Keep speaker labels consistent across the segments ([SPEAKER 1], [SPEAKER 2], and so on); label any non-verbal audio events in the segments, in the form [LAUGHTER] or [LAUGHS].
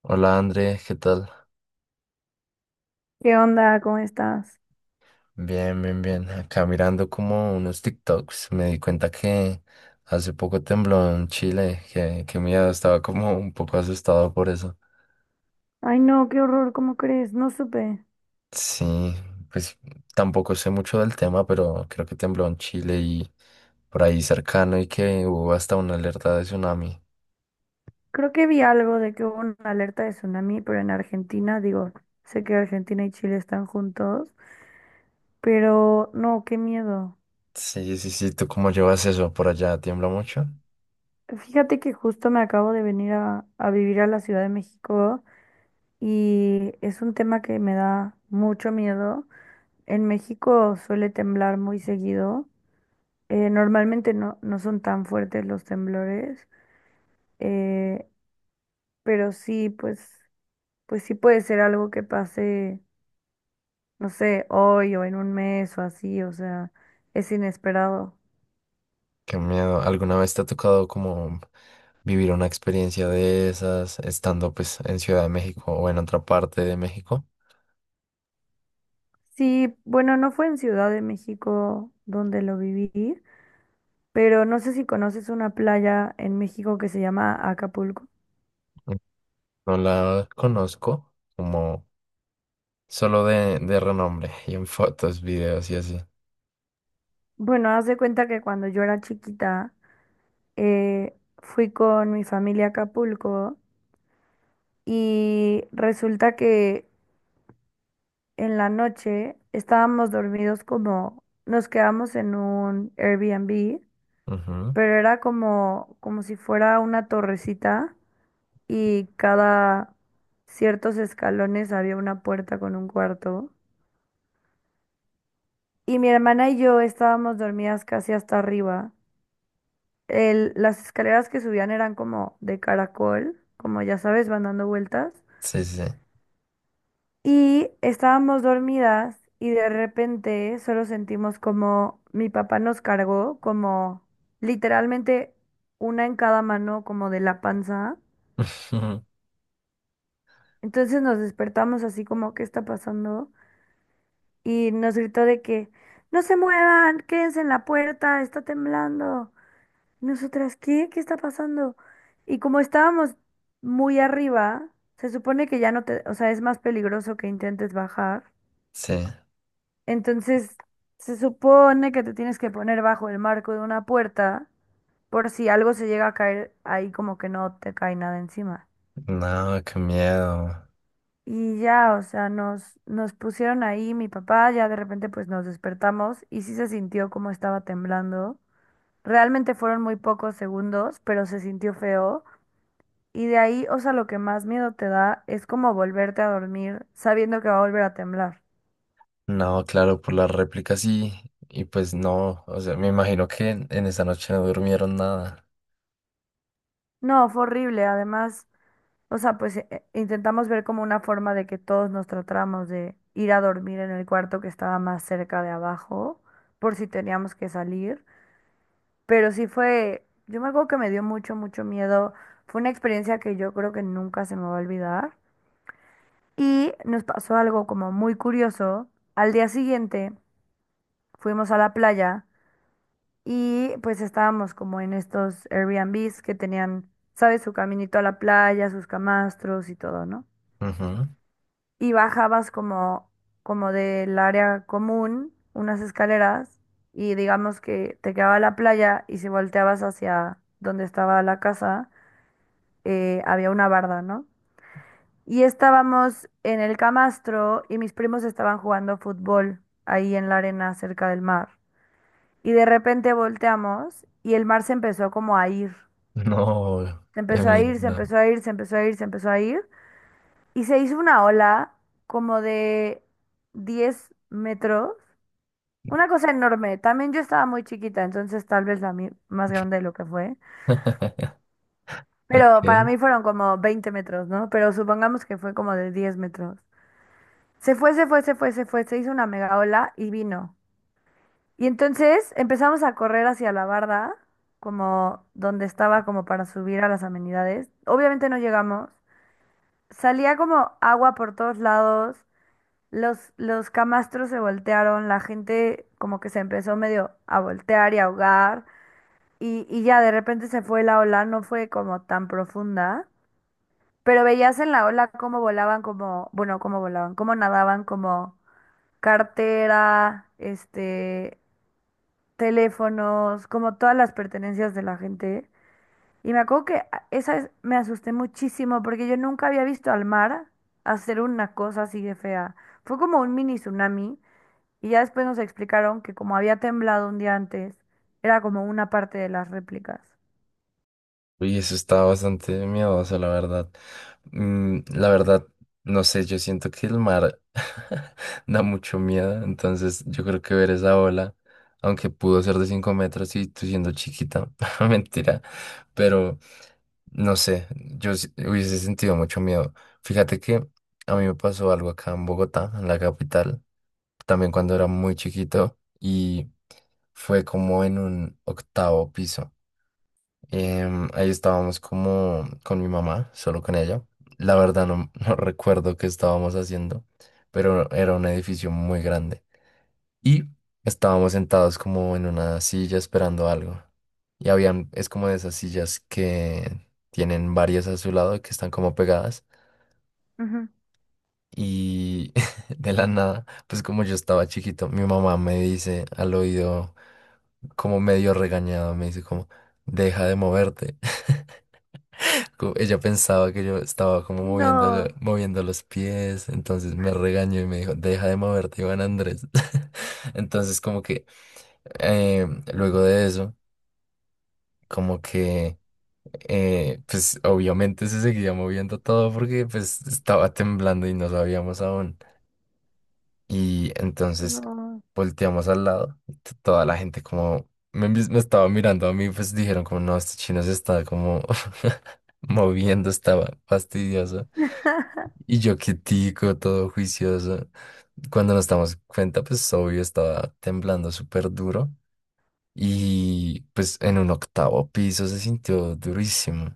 [SPEAKER 1] Hola André, ¿qué tal?
[SPEAKER 2] ¿Qué onda? ¿Cómo estás?
[SPEAKER 1] Bien, bien, bien. Acá mirando como unos TikToks, me di cuenta que hace poco tembló en Chile, que miedo, estaba como un poco asustado por eso.
[SPEAKER 2] Ay, no, qué horror, ¿cómo crees? No supe.
[SPEAKER 1] Sí, pues tampoco sé mucho del tema, pero creo que tembló en Chile y por ahí cercano y que hubo hasta una alerta de tsunami.
[SPEAKER 2] Creo que vi algo de que hubo una alerta de tsunami, pero en Argentina, digo, sé que Argentina y Chile están juntos, pero no, qué miedo.
[SPEAKER 1] Sí, sí, sí, ¿tú cómo llevas eso? ¿Por allá tiembla mucho?
[SPEAKER 2] Fíjate que justo me acabo de venir a vivir a la Ciudad de México y es un tema que me da mucho miedo. En México suele temblar muy seguido. Normalmente no son tan fuertes los temblores. eh, pero sí, pues sí puede ser algo que pase, no sé, hoy o en un mes o así, o sea, es inesperado.
[SPEAKER 1] Qué miedo. ¿Alguna vez te ha tocado como vivir una experiencia de esas estando pues en Ciudad de México o en otra parte de México?
[SPEAKER 2] Sí, bueno, no fue en Ciudad de México donde lo viví, pero no sé si conoces una playa en México que se llama Acapulco.
[SPEAKER 1] No la conozco, como solo de renombre y en fotos, videos y así.
[SPEAKER 2] Bueno, haz de cuenta que cuando yo era chiquita, fui con mi familia a Acapulco y resulta que en la noche estábamos dormidos como nos quedamos en un Airbnb.
[SPEAKER 1] Ujú.
[SPEAKER 2] Pero era como, como si fuera una torrecita y cada ciertos escalones había una puerta con un cuarto. Y mi hermana y yo estábamos dormidas casi hasta arriba. Las escaleras que subían eran como de caracol, como ya sabes, van dando vueltas.
[SPEAKER 1] Sí, sí.
[SPEAKER 2] Y estábamos dormidas y de repente solo sentimos como mi papá nos cargó, como literalmente una en cada mano, como de la panza.
[SPEAKER 1] [LAUGHS]
[SPEAKER 2] Entonces nos despertamos así como, ¿qué está pasando? Y nos gritó de que no se muevan, quédense en la puerta, está temblando. Y nosotras, ¿qué? ¿Qué está pasando? Y como estábamos muy arriba, se supone que ya no te, o sea, es más peligroso que intentes bajar.
[SPEAKER 1] Sí.
[SPEAKER 2] Entonces, se supone que te tienes que poner bajo el marco de una puerta por si algo se llega a caer ahí como que no te cae nada encima.
[SPEAKER 1] No, qué miedo.
[SPEAKER 2] Y ya, o sea, nos pusieron ahí, mi papá, ya de repente pues nos despertamos y sí se sintió como estaba temblando. Realmente fueron muy pocos segundos, pero se sintió feo. Y de ahí, o sea, lo que más miedo te da es como volverte a dormir sabiendo que va a volver a temblar.
[SPEAKER 1] No, claro, por las réplicas sí. Y pues no, o sea, me imagino que en esa noche no durmieron nada.
[SPEAKER 2] No, fue horrible. Además, o sea, pues intentamos ver como una forma de que todos nos tratáramos de ir a dormir en el cuarto que estaba más cerca de abajo, por si teníamos que salir. Pero sí fue, yo me acuerdo que me dio mucho, mucho miedo. Fue una experiencia que yo creo que nunca se me va a olvidar. Y nos pasó algo como muy curioso. Al día siguiente fuimos a la playa y pues estábamos como en estos Airbnbs que tenían, ¿sabes? Su caminito a la playa, sus camastros y todo, ¿no?
[SPEAKER 1] Ujú.
[SPEAKER 2] Y bajabas como, como del área común, unas escaleras, y digamos que te quedaba la playa y si volteabas hacia donde estaba la casa había una barda, ¿no? Y estábamos en el camastro y mis primos estaban jugando fútbol ahí en la arena cerca del mar. Y de repente volteamos y el mar se empezó como a ir.
[SPEAKER 1] [LAUGHS] No,
[SPEAKER 2] Se
[SPEAKER 1] qué
[SPEAKER 2] empezó a ir, se
[SPEAKER 1] miedo.
[SPEAKER 2] empezó a ir, se empezó a ir, se empezó a ir. Y se hizo una ola como de 10 metros. Una cosa enorme. También yo estaba muy chiquita, entonces tal vez la mi- más grande de lo que fue. Pero para
[SPEAKER 1] Ok.
[SPEAKER 2] mí fueron como 20 metros, ¿no? Pero supongamos que fue como de 10 metros. Se fue, se fue, se fue, se fue, se hizo una mega ola y vino. Y entonces empezamos a correr hacia la barda, como donde estaba como para subir a las amenidades. Obviamente no llegamos. Salía como agua por todos lados, los camastros se voltearon, la gente como que se empezó medio a voltear y a ahogar. Y ya de repente se fue la ola, no fue como tan profunda, pero veías en la ola cómo volaban, como, bueno, cómo volaban, cómo nadaban, como cartera, este, teléfonos, como todas las pertenencias de la gente. Y me acuerdo que esa vez me asusté muchísimo porque yo nunca había visto al mar hacer una cosa así de fea. Fue como un mini tsunami y ya después nos explicaron que como había temblado un día antes, era como una parte de las réplicas.
[SPEAKER 1] Uy, eso está bastante miedoso, la verdad. La verdad, no sé, yo siento que el mar [LAUGHS] da mucho miedo, entonces yo creo que ver esa ola, aunque pudo ser de 5 metros y tú siendo chiquita, [LAUGHS] mentira, pero no sé, hubiese sentido mucho miedo. Fíjate que a mí me pasó algo acá en Bogotá, en la capital, también cuando era muy chiquito y fue como en un octavo piso. Ahí estábamos como con mi mamá, solo con ella. La verdad no, [LAUGHS] no recuerdo qué estábamos haciendo, pero era un edificio muy grande. Y estábamos sentados como en una silla esperando algo. Y habían, es como de esas sillas que tienen varias a su lado que están como pegadas.
[SPEAKER 2] Ujú.
[SPEAKER 1] Y [LAUGHS] de la nada, pues como yo estaba chiquito, mi mamá me dice al oído, como medio regañado, me dice como, deja de moverte. Ella pensaba que yo estaba como moviendo,
[SPEAKER 2] No,
[SPEAKER 1] moviendo los pies, entonces me regañó y me dijo, deja de moverte, Iván Andrés. [LAUGHS] Entonces como que eh, luego de eso, como que pues obviamente se seguía moviendo todo porque pues estaba temblando y no sabíamos aún. Y entonces
[SPEAKER 2] no.
[SPEAKER 1] volteamos al lado, y toda la gente como me estaba mirando a mí, pues dijeron como no, este chino se está como [LAUGHS] moviendo, estaba fastidioso.
[SPEAKER 2] [LAUGHS]
[SPEAKER 1] Y yo quietico, todo juicioso. Cuando nos damos cuenta, pues obvio estaba temblando súper duro. Y pues en un octavo piso se sintió durísimo.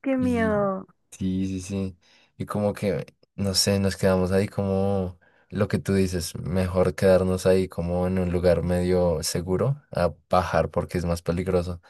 [SPEAKER 2] Qué
[SPEAKER 1] Y
[SPEAKER 2] miedo.
[SPEAKER 1] sí, sí, sí. Y como que, no sé, nos quedamos ahí como lo que tú dices, mejor quedarnos ahí como en un lugar medio seguro a bajar porque es más peligroso.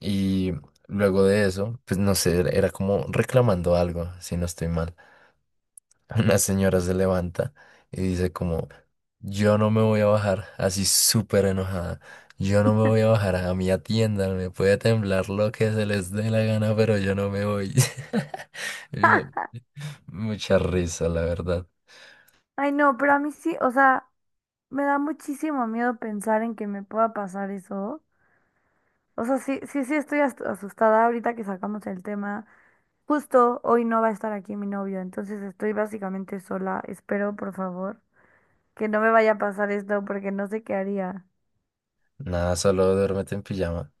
[SPEAKER 1] Y luego de eso, pues no sé, era como reclamando algo, si no estoy mal. Una señora se levanta y dice como, yo no me voy a bajar, así súper enojada. Yo no me voy a bajar a mi tienda, me puede temblar lo que se les dé la gana, pero yo no me voy. [LAUGHS] Y me- Mucha risa, la verdad.
[SPEAKER 2] Ay, no, pero a mí sí, o sea, me da muchísimo miedo pensar en que me pueda pasar eso. O sea, sí, sí, sí estoy as- asustada ahorita que sacamos el tema. Justo hoy no va a estar aquí mi novio, entonces estoy básicamente sola. Espero, por favor, que no me vaya a pasar esto porque no sé qué haría
[SPEAKER 1] Nada, solo duérmete en pijama.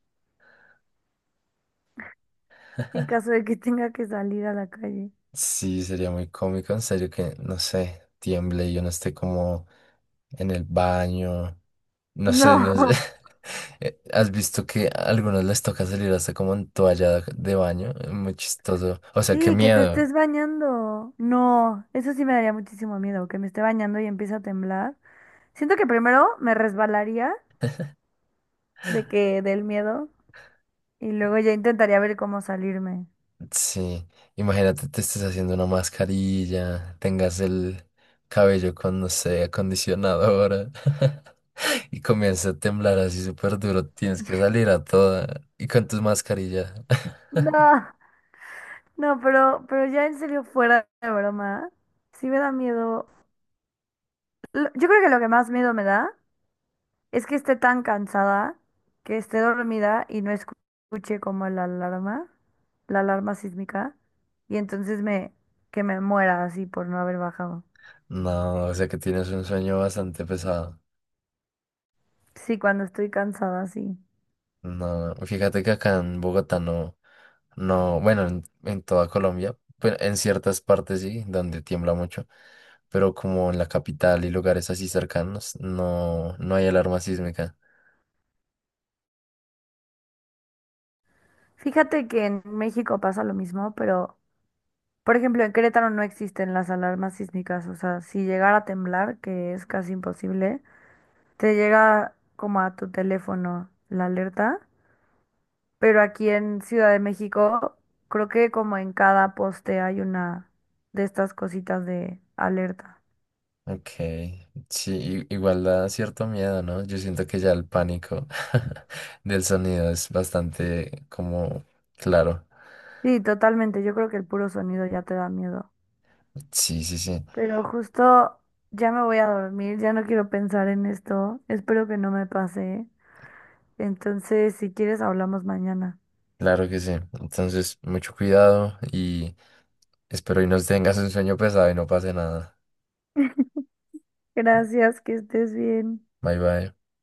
[SPEAKER 2] en caso de que [LAUGHS] tenga que salir a la calle.
[SPEAKER 1] Sí, sería muy cómico, en serio, que, no sé, tiemble y yo no esté como en el baño. No sé,
[SPEAKER 2] No.
[SPEAKER 1] no sé.
[SPEAKER 2] [LAUGHS]
[SPEAKER 1] [LAUGHS] ¿Has visto que a algunos les toca salir hasta como en toalla de baño? Es muy chistoso. O sea, qué
[SPEAKER 2] Sí, que te
[SPEAKER 1] miedo.
[SPEAKER 2] estés bañando. No, eso sí me daría muchísimo miedo, que me esté bañando y empiece a temblar. Siento que primero me resbalaría de que del miedo y luego ya intentaría ver cómo salirme.
[SPEAKER 1] Sí. Imagínate, te estés haciendo una mascarilla, tengas el cabello con, no sé, acondicionador [LAUGHS] y comienza a temblar así súper duro. Tienes que salir a toda y con tus mascarillas. [LAUGHS]
[SPEAKER 2] No. No, pero ya en serio, fuera de broma, sí me da miedo. Yo creo que lo que más miedo me da es que esté tan cansada, que esté dormida y no escu- escuche como la alarma sísmica, y entonces me, que me muera así por no haber bajado.
[SPEAKER 1] No, o sea que tienes un sueño bastante pesado.
[SPEAKER 2] Sí, cuando estoy cansada, sí.
[SPEAKER 1] No, fíjate que acá en Bogotá no, no, bueno, en toda Colombia, pero en ciertas partes sí, donde tiembla mucho, pero como en la capital y lugares así cercanos, no, no hay alarma sísmica.
[SPEAKER 2] Fíjate que en México pasa lo mismo, pero, por ejemplo, en Querétaro no existen las alarmas sísmicas, o sea, si llegara a temblar, que es casi imposible. Te llega como a tu teléfono la alerta, pero aquí en Ciudad de México creo que como en cada poste hay una de estas cositas de alerta.
[SPEAKER 1] Ok, sí, igual da cierto miedo, ¿no? Yo siento que ya el pánico [LAUGHS] del sonido es bastante como claro.
[SPEAKER 2] Sí, totalmente, yo creo que el puro sonido ya te da miedo.
[SPEAKER 1] Sí, sí, sí,
[SPEAKER 2] Pero justo ya me voy a dormir, ya no quiero pensar en esto, espero que no me pase. Entonces, si quieres, hablamos mañana.
[SPEAKER 1] claro que sí. Entonces, mucho cuidado y espero y no tengas un sueño pesado y no pase nada.
[SPEAKER 2] Gracias, que estés bien.
[SPEAKER 1] Bye bye.